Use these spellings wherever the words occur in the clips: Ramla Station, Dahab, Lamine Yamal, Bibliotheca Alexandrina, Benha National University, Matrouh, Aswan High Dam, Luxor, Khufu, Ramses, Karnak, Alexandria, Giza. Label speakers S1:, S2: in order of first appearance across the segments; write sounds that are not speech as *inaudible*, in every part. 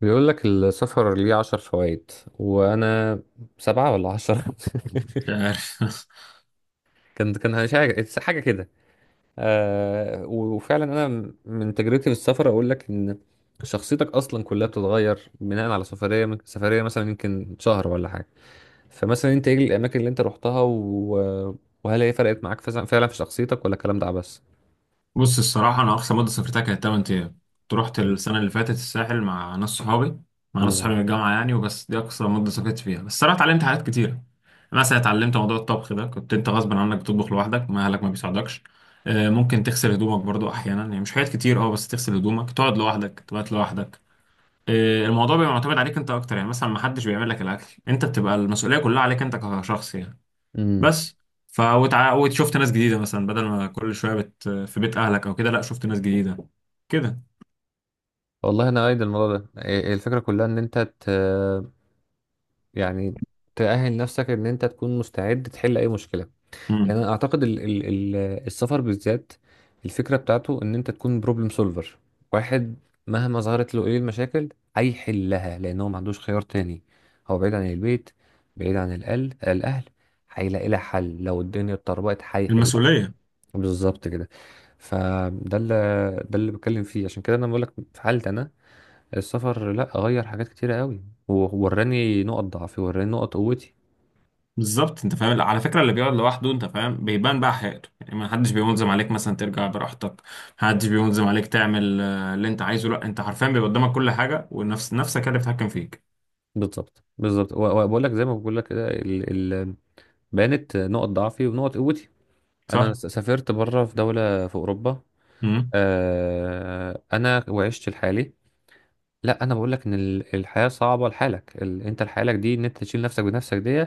S1: بيقول لك السفر ليه 10 فوائد، وانا سبعة ولا 10؟
S2: مش عارف. *laughs*
S1: *laughs* كان مش حاجة حاجة كده. آه، وفعلا انا من تجربتي في السفر اقول لك ان شخصيتك اصلا كلها بتتغير بناء على سفرية من سفرية، مثلا يمكن شهر ولا حاجة. فمثلا انت ايه الاماكن اللي انت رحتها وهل هي فرقت معاك فعلا في شخصيتك، ولا الكلام ده عبس؟
S2: بص، الصراحة أنا أقصى مدة سافرتها كانت 8 أيام، كنت رحت السنة اللي فاتت الساحل مع ناس صحابي من الجامعة يعني، وبس. دي أقصى مدة سافرت فيها، بس الصراحة اتعلمت حاجات كتيرة. مثلا اتعلمت موضوع الطبخ ده، كنت أنت غصب عنك بتطبخ لوحدك، ما أهلك ما بيساعدوكش. آه، ممكن تغسل هدومك برضو أحيانا، يعني مش حاجات كتير، أه بس تغسل هدومك، تقعد لوحدك، تبات لوحدك. آه، الموضوع بيبقى معتمد عليك أنت أكتر، يعني مثلا ما حدش بيعمل لك الأكل، أنت بتبقى المسؤولية كلها عليك أنت كشخص يعني.
S1: امم.
S2: بس. ف وشفت ناس جديده، مثلا بدل ما كل شويه في بيت اهلك او كده، لا شفت ناس جديده كده.
S1: والله انا ايد الموضوع ده، إيه الفكرة كلها ان انت يعني تأهل نفسك ان انت تكون مستعد تحل اي مشكلة.
S2: امم.
S1: يعني انا اعتقد ال السفر بالذات، الفكرة بتاعته ان انت تكون بروبلم سولفر واحد، مهما ظهرت له ايه المشاكل هيحلها، لان هو ما عندوش خيار تاني. هو بعيد عن البيت، بعيد عن الأهل، هيلاقي لها حل. لو الدنيا اتطربقت هيحلها.
S2: المسؤوليه.
S1: بالظبط كده. فده اللي ده اللي بتكلم فيه، عشان كده انا بقول لك في حالتي انا، السفر لا غير حاجات كتيرة قوي، ووراني نقط ضعفي، وراني نقط قوتي.
S2: بالظبط، انت فاهم؟ على فكره اللي بيقعد لوحده، انت فاهم، بيبان بقى حياته، يعني ما حدش بينظم عليك مثلا ترجع براحتك، ما حدش بينظم عليك تعمل آه، اللي انت عايزه، لا انت حرفيا بيبقى قدامك كل حاجه، ونفس نفسك هي اللي بتتحكم فيك.
S1: بالظبط بالظبط. وبقول لك زي ما بقول لك كده، بانت نقط ضعفي ونقط قوتي. انا
S2: صح.
S1: سافرت بره في دوله في اوروبا،
S2: امم.
S1: انا وعشت لحالي. لا، انا بقول لك ان الحياه صعبه لحالك. انت لحالك دي، ان انت تشيل نفسك بنفسك، دي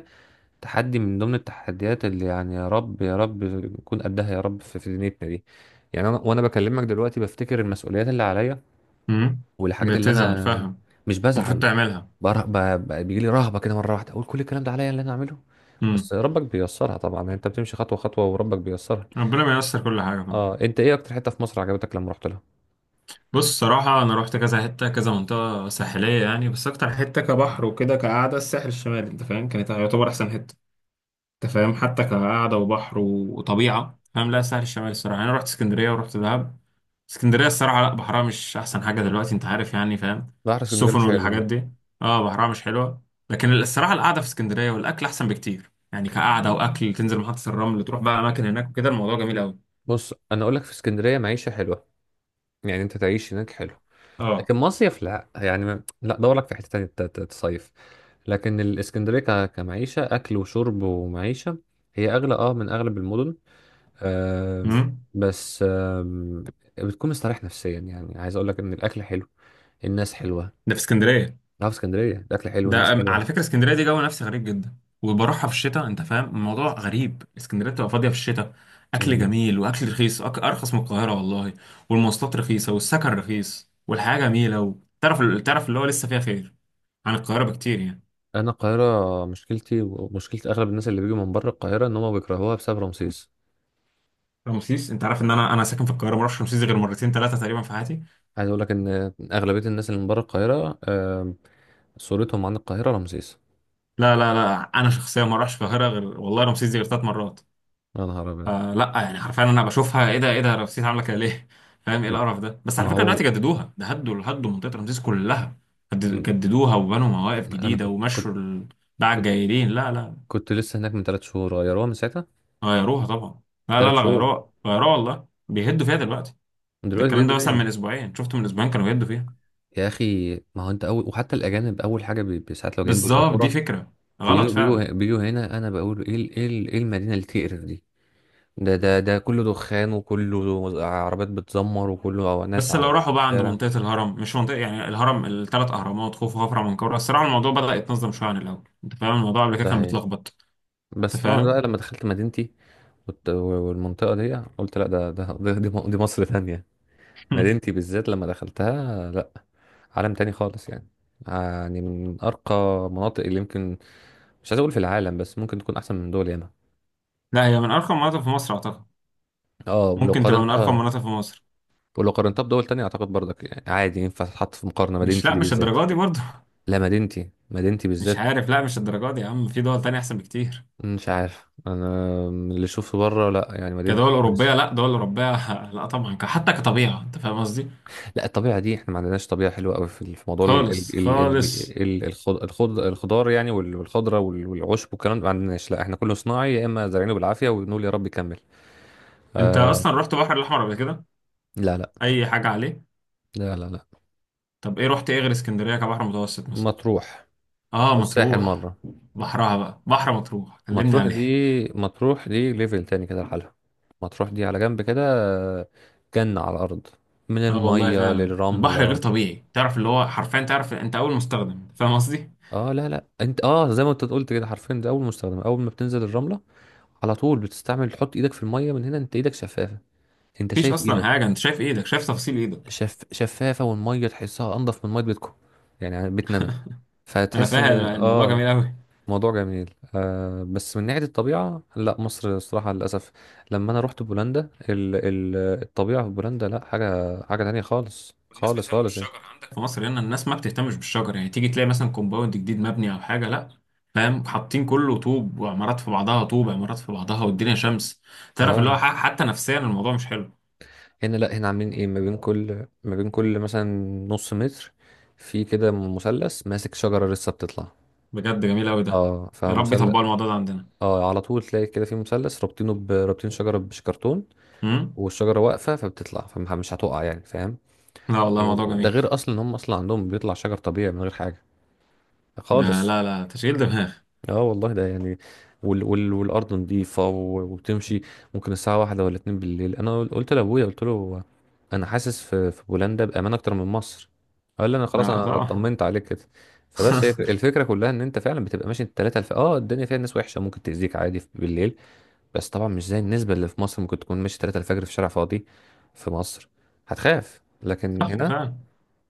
S1: تحدي من ضمن التحديات، اللي يعني يا رب يا رب نكون قدها يا رب في دنيتنا دي. يعني انا، وانا بكلمك دلوقتي، بفتكر المسؤوليات اللي عليا،
S2: امم.
S1: والحاجات اللي
S2: بتزعل
S1: انا،
S2: فاهم.
S1: مش
S2: المفروض
S1: بزعل
S2: تعملها.
S1: بره... ب... بيجي لي رهبه كده مره واحده، اقول كل الكلام ده عليا اللي انا اعمله.
S2: امم.
S1: بس ربك بيسرها طبعا، يعني انت بتمشي خطوه خطوه وربك بيسرها.
S2: ربنا بييسر كل حاجه.
S1: اه، انت ايه اكتر حته في مصر عجبتك لما رحت لها؟
S2: بص، صراحة أنا روحت كذا حتة كذا منطقة ساحلية يعني، بس أكتر حتة كبحر وكده، كقعدة الساحل الشمالي أنت فاهم، كانت يعتبر أحسن حتة. أنت فاهم حتى كقعدة وبحر وطبيعة، فاهم، لا الساحل الشمالي. الصراحة أنا روحت اسكندرية ورحت دهب. اسكندرية الصراحة لا بحرها مش أحسن حاجة دلوقتي، أنت عارف يعني، فاهم،
S1: بحر اسكندريه
S2: السفن
S1: مش حلو،
S2: والحاجات
S1: لا.
S2: دي. أه بحرها مش حلوة. لكن الصراحة القعدة في اسكندرية والأكل أحسن بكتير، يعني كقعدة وأكل، تنزل محطة الرمل تروح بقى أماكن هناك وكده، الموضوع جميل أوي.
S1: بص، انا اقول لك في اسكندريه معيشه حلوه، يعني انت تعيش هناك حلو.
S2: أه.
S1: لكن مصيف لا، يعني ما... لا، دور لك في حته تانية تصيف. لكن الاسكندريه كمعيشه، اكل وشرب ومعيشه، هي اغلى اه من اغلب المدن. آه.
S2: أمم.
S1: بس آه، بتكون مستريح نفسيا، يعني عايز اقول لك ان الاكل حلو، الناس حلوه.
S2: ده في اسكندرية.
S1: لا، في اسكندريه الاكل حلو،
S2: ده
S1: الناس
S2: على
S1: حلوه.
S2: فكره اسكندريه دي جو نفسي غريب جدا، وبروحها في الشتاء انت فاهم الموضوع غريب، اسكندريه بتبقى فاضيه في الشتاء. اكل جميل، واكل رخيص، ارخص من القاهره والله. والمواصلات رخيصه، والسكن رخيص، والحياه جميله، وتعرف تعرف اللي هو لسه فيها خير عن القاهره بكتير يعني.
S1: انا القاهره مشكلتي ومشكله اغلب الناس اللي بيجوا من بره القاهره، ان هم بيكرهوها بسبب رمسيس.
S2: رمسيس، انت عارف ان انا ساكن في القاهره، ما رحتش رمسيس غير مرتين ثلاثه تقريبا في حياتي.
S1: عايز اقول لك ان اغلبيه الناس اللي من بره القاهره، صورتهم عن القاهره رمسيس.
S2: لا لا لا، انا شخصيا ما رحتش القاهره غير والله، رمسيس دي غير 3 مرات.
S1: يا نهار ابيض!
S2: فلا يعني حرفيا انا بشوفها، ايه ده؟ ايه ده؟ رمسيس عامله كده ليه؟ فاهم ايه
S1: ما
S2: القرف ده؟ بس
S1: ما
S2: على فكره دلوقتي
S1: هو،
S2: جددوها، ده هدوا هدوا منطقه رمسيس كلها.
S1: م-
S2: جددوها، وبنوا مواقف
S1: انا
S2: جديده، ومشوا الباعة
S1: كنت
S2: الجايلين، لا لا.
S1: كنت لسه هناك من 3 شهور، غيروها من ساعتها.
S2: غيروها طبعا. لا لا
S1: ثلاث
S2: لا،
S1: شهور
S2: غيروها غيروها والله، بيهدوا فيها دلوقتي. ده
S1: دلوقتي
S2: الكلام
S1: بيبدوا
S2: ده مثلا من
S1: بيها.
S2: اسبوعين، شفت من اسبوعين كانوا بيهدوا فيها.
S1: يا اخي، ما هو انت اول، وحتى الاجانب اول حاجه ساعات لو جايين
S2: بالظبط، دي
S1: بالقطوره
S2: فكره غلط
S1: بيجوا بيجوا
S2: فعلا.
S1: بيجوا هنا، انا بقول ايه المدينه اللي تقرف دي! ده كله دخان، وكله عربيات بتزمر، وكله ناس
S2: بس
S1: على
S2: لو راحوا بقى عند
S1: الشارع.
S2: منطقه الهرم، مش منطقه يعني، الهرم الثلاث اهرامات خوف وخفرع ومنكوره، الصراحه الموضوع بدأ يتنظم شويه عن الاول، انت فاهم الموضوع قبل كده
S1: ده
S2: كان
S1: هي.
S2: متلخبط.
S1: بس
S2: انت
S1: طبعا بقى
S2: فاهم.
S1: لما دخلت مدينتي والمنطقة دي، قلت لا، دي مصر تانية.
S2: *laughs*
S1: مدينتي بالذات لما دخلتها، لا، عالم تاني خالص يعني. يعني من أرقى مناطق اللي يمكن، مش عايز أقول في العالم، بس ممكن تكون أحسن من دول ياما.
S2: لا، هي من ارقى مناطق في مصر اعتقد.
S1: اه، ولو
S2: ممكن تبقى من ارقى
S1: قارنتها،
S2: مناطق في مصر.
S1: ولو قارنتها بدول تانية، أعتقد برضك يعني عادي ينفع تتحط في مقارنة.
S2: مش،
S1: مدينتي
S2: لا
S1: دي
S2: مش
S1: بالذات.
S2: الدرجه دي برضه.
S1: لا، مدينتي مدينتي
S2: *laughs* مش
S1: بالذات.
S2: عارف، لا مش الدرجه دي يا عم، في دول تانية احسن بكتير.
S1: مش عارف انا، من اللي اشوفه بره، لا يعني
S2: كدول
S1: مدينتي كويسه.
S2: اوروبيه، لا دول اوروبيه. *laughs* لا طبعا، حتى كطبيعه، انت فاهم قصدي.
S1: لا الطبيعه دي احنا ما عندناش طبيعه حلوه قوي في موضوع
S2: خالص خالص.
S1: الخضار، يعني والخضره والعشب والكلام ده، ما عندناش. لا، احنا كله صناعي، يا اما زارعينه بالعافيه ونقول يا رب يكمل.
S2: انت
S1: آه.
S2: اصلا رحت البحر الاحمر قبل كده؟
S1: لا لا
S2: اي حاجه عليه؟
S1: لا لا لا.
S2: طب ايه رحت، ايه غير اسكندريه كبحر متوسط مثلا؟
S1: مطروح
S2: اه
S1: والساحل
S2: مطروح.
S1: مره.
S2: بحرها بقى، بحر مطروح كلمني
S1: مطروح دي،
S2: عليه.
S1: مطروح دي ليفل تاني كده لحالها. مطروح دي على جنب كده، آه، جنه على الارض، من
S2: اه والله
S1: الميه
S2: فعلا البحر غير
S1: للرمله.
S2: طبيعي، تعرف اللي هو حرفيا، تعرف انت اول مستخدم، فاهم قصدي.
S1: اه لا لا، انت اه، زي ما انت قلت كده حرفيا، ده اول مستخدم. اول ما بتنزل الرمله على طول بتستعمل تحط ايدك في الميه، من هنا انت ايدك شفافه، انت
S2: مفيش
S1: شايف
S2: اصلا
S1: ايدك.
S2: حاجه، انت شايف ايدك، شايف تفاصيل ايدك.
S1: شفافه، والميه تحسها انضف من ميه بيتكم، يعني بيتنا انا،
S2: انا
S1: فتحس ان
S2: فاهم، الموضوع
S1: اه،
S2: جميل قوي.
S1: موضوع جميل آه. بس من ناحيه الطبيعه، لا، مصر الصراحه للاسف. لما انا رحت بولندا، الطبيعه في بولندا لا، حاجه حاجه تانية، خالص
S2: والناس
S1: خالص
S2: بتهتم
S1: خالص يعني.
S2: بالشجر عندك، في مصر هنا الناس ما بتهتمش بالشجر، يعني تيجي تلاقي مثلا كومباوند جديد مبني او حاجه، لا فاهم، حاطين كله طوب وعمارات في بعضها، طوب عمارات في بعضها، والدنيا شمس. تعرف اللي هو
S1: اه،
S2: حتى نفسيا الموضوع مش حلو.
S1: هنا، لا هنا عاملين ايه، ما بين كل مثلا نص متر، في كده مثلث ماسك شجرة لسه بتطلع.
S2: بجد جميل قوي ده.
S1: اه،
S2: يا رب يطبقوا
S1: فمثلث.
S2: الموضوع ده عندنا.
S1: اه، على طول تلاقي كده في مثلث رابطينه، رابطين شجرة بشكرتون،
S2: امم.
S1: والشجرة واقفة فبتطلع، فمش هتقع يعني، فاهم.
S2: لا والله موضوع
S1: وده
S2: جميل.
S1: غير اصلا ان هم اصلا عندهم بيطلع شجر طبيعي من غير حاجة
S2: ده
S1: خالص.
S2: لا لا، تشغيل دماغ.
S1: اه والله ده يعني، والارض نظيفه، وتمشي ممكن الساعه واحدة ولا اتنين بالليل. انا قلت لابويا، قلت له، انا حاسس في بولندا بامان اكتر من مصر. قال لي انا خلاص،
S2: آه،
S1: انا
S2: طبعا.
S1: طمنت عليك كده. فبس هي
S2: *laughs*
S1: الفكره كلها، ان انت فعلا بتبقى ماشي اه، الدنيا فيها ناس وحشه ممكن تاذيك عادي بالليل. بس طبعا مش زي النسبه اللي في مصر، ممكن تكون ماشي 3 الفجر في شارع فاضي في مصر، هتخاف. لكن
S2: صح
S1: هنا
S2: فعلا.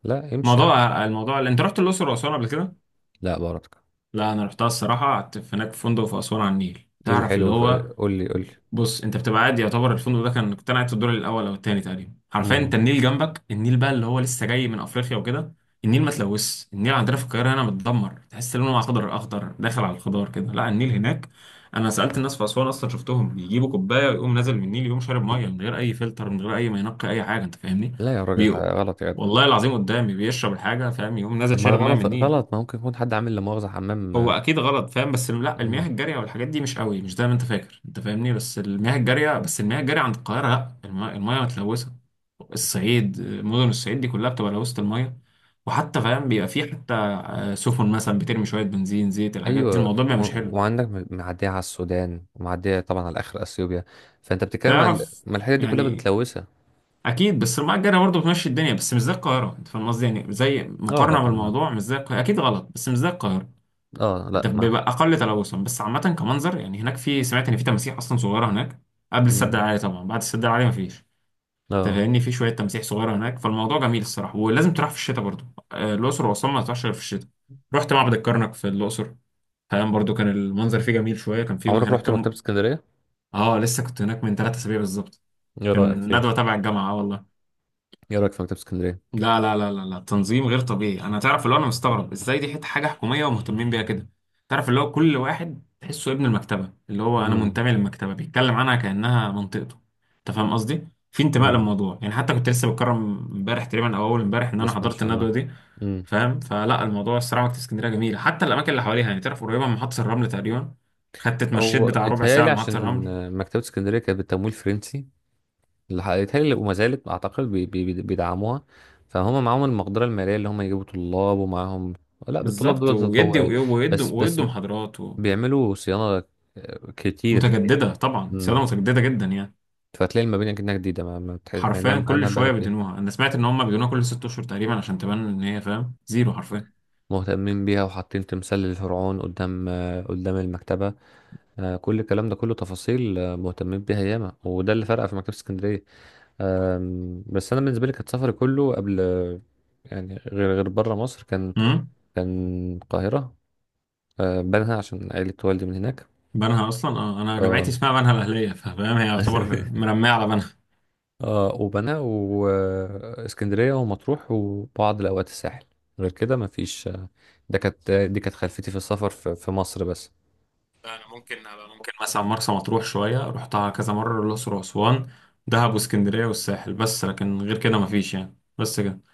S1: لا، امشي يا عم.
S2: موضوع الموضوع، اللي انت رحت الاقصر واسوان قبل كده.
S1: لا بركه.
S2: لا انا رحتها الصراحه، قعدت في هناك في فندق في اسوان على النيل،
S1: ايه
S2: تعرف اللي
S1: الحلو
S2: هو.
S1: قول لي قول لي.
S2: بص، انت بتبقى قاعد، يعتبر الفندق ده كان، كنت انا قاعد في الدور الاول او الثاني تقريبا، حرفيا انت
S1: مم.
S2: النيل جنبك، النيل بقى اللي هو لسه جاي من افريقيا وكده. النيل ما تلوث، النيل عندنا في القاهره هنا متدمر، تحس لونه اخضر اخضر داخل على الخضار كده، لا النيل هناك. انا سالت الناس في اسوان اصلا، شفتهم بيجيبوا كوبايه ويقوم نازل من النيل، يقوم شارب ميه من غير اي فلتر، من غير اي ما ينقي اي حاجه، انت فاهمني؟
S1: لا يا راجل،
S2: بيقوم،
S1: غلط يا جدع.
S2: والله العظيم قدامي بيشرب الحاجه فاهم، يقوم نازل
S1: طب ما ده
S2: شارب ميه من
S1: غلط
S2: النيل.
S1: غلط، ما ممكن يكون حد عامل لا مؤاخذة حمام.
S2: هو
S1: آه.
S2: اكيد غلط فاهم، بس لا المياه
S1: مم.
S2: الجاريه والحاجات دي مش قوي، مش زي ما انت فاكر، انت فاهمني، بس المياه الجاريه، بس المياه الجاريه عند القاهره لا، المياه متلوثه. الصعيد، مدن الصعيد دي كلها بتبقى لوثه المياه. وحتى فاهم بيبقى في حتى آه، سفن مثلا بترمي شويه بنزين، زيت، الحاجات دي،
S1: ايوه،
S2: الموضوع بيبقى مش حلو.
S1: وعندك معدية على السودان، ومعدية طبعا على اخر اثيوبيا. فانت بتتكلم عن،
S2: تعرف
S1: ما الحتت دي كلها
S2: يعني
S1: متلوثة.
S2: اكيد، بس المياه الجاريه برضه بتمشي الدنيا، بس مش زي القاهره، انت فاهم قصدي يعني، زي
S1: اه
S2: مقارنه
S1: طبعا لا.
S2: بالموضوع، مش زي القاهره اكيد غلط، بس مش زي القاهره.
S1: اه
S2: ده
S1: لا، معاك
S2: بيبقى
S1: حق.
S2: اقل تلوثا، بس عامه كمنظر يعني هناك في، سمعت ان في تماسيح اصلا صغيره هناك. قبل السد
S1: امم.
S2: العالي طبعا، بعد السد العالي مفيش. انت
S1: اه،
S2: فاهمني في شويه تماسيح صغيره هناك، فالموضوع جميل الصراحه، ولازم تروح في الشتاء برضو. آه، الاقصر واسوان ما تروحش غير في الشتاء. رحت معبد الكرنك في الاقصر، فاهم، برضو كان المنظر فيه جميل شويه، كان في
S1: عمرك
S2: هناك
S1: رحت مكتبة
S2: كم.
S1: اسكندرية؟
S2: اه لسه كنت هناك من 3 اسابيع بالظبط.
S1: ايه رأيك
S2: كان
S1: فيها؟
S2: ندوه تبع الجامعه، اه والله.
S1: ايه رأيك في مكتبة اسكندرية؟
S2: لا لا لا لا لا، تنظيم غير طبيعي، انا تعرف اللي هو انا مستغرب ازاي دي حته حاجه حكوميه ومهتمين بيها كده. تعرف اللي هو كل واحد تحسه ابن المكتبه، اللي هو انا
S1: امم.
S2: منتمي للمكتبه، بيتكلم عنها كانها منطقته. انت فاهم قصدي؟ في انتماء
S1: امم،
S2: للموضوع يعني، حتى كنت لسه بتكرم امبارح تقريبا، او اول امبارح، ان انا
S1: بس ما
S2: حضرت
S1: شاء الله.
S2: الندوه دي.
S1: امم.
S2: فاهم؟ فلا الموضوع الصراحه، مكتبه اسكندريه جميله، حتى الاماكن اللي حواليها، يعني تعرف قريبه من محطه الرمل تقريبا. خدت اتمشيت
S1: هو
S2: بتاع ربع ساعه
S1: اتهيألي،
S2: لمحطه
S1: عشان
S2: الرمل.
S1: مكتبة اسكندرية كانت بالتمويل فرنسي، اللي هيتهيألي وما زالت اعتقد بيدعموها. فهم معاهم المقدره الماليه اللي هم يجيبوا طلاب ومعاهم. لا الطلاب
S2: بالظبط،
S1: دول
S2: ويدي
S1: تطوعي
S2: ويدي
S1: بس
S2: ويدي محاضرات.
S1: بيعملوا صيانه. آه، كتير فيها.
S2: ومتجدده طبعا، سياده
S1: مم.
S2: متجدده جدا يعني.
S1: فتلاقي المباني كأنها جديده، ما بتحس مع انها
S2: حرفيا
S1: مع
S2: كل
S1: انها بقالها
S2: شويه
S1: كتير.
S2: بيدينوها، انا سمعت ان هم بيدينوها كل 6 اشهر تقريبا، عشان تبان ان هي فاهم زيرو حرفيا.
S1: مهتمين بيها، وحاطين تمثال للفرعون قدام، قدام المكتبه. كل الكلام ده كله تفاصيل. مهتمين بيها ياما، وده اللي فرق في مكتبه اسكندريه. بس انا بالنسبه لي كانت سفري كله قبل، يعني، غير بره مصر، كان
S2: امم.
S1: كان القاهرة. آه، بنها عشان عيلة والدي من هناك.
S2: بنها اصلا اه، انا جامعتي
S1: آه.
S2: اسمها بنها الاهليه، فاهم، هي يعتبر
S1: *laughs*
S2: مرميه على بنها.
S1: وبنها واسكندرية ومطروح وبعض الأوقات الساحل. غير كده مفيش. آه، ده كانت دي كانت خلفيتي في السفر في مصر بس.
S2: انا ممكن أنا ممكن مثلا مرسى مطروح شويه رحتها كذا مره، الاقصر واسوان، دهب واسكندريه والساحل بس، لكن غير كده مفيش يعني، بس كده.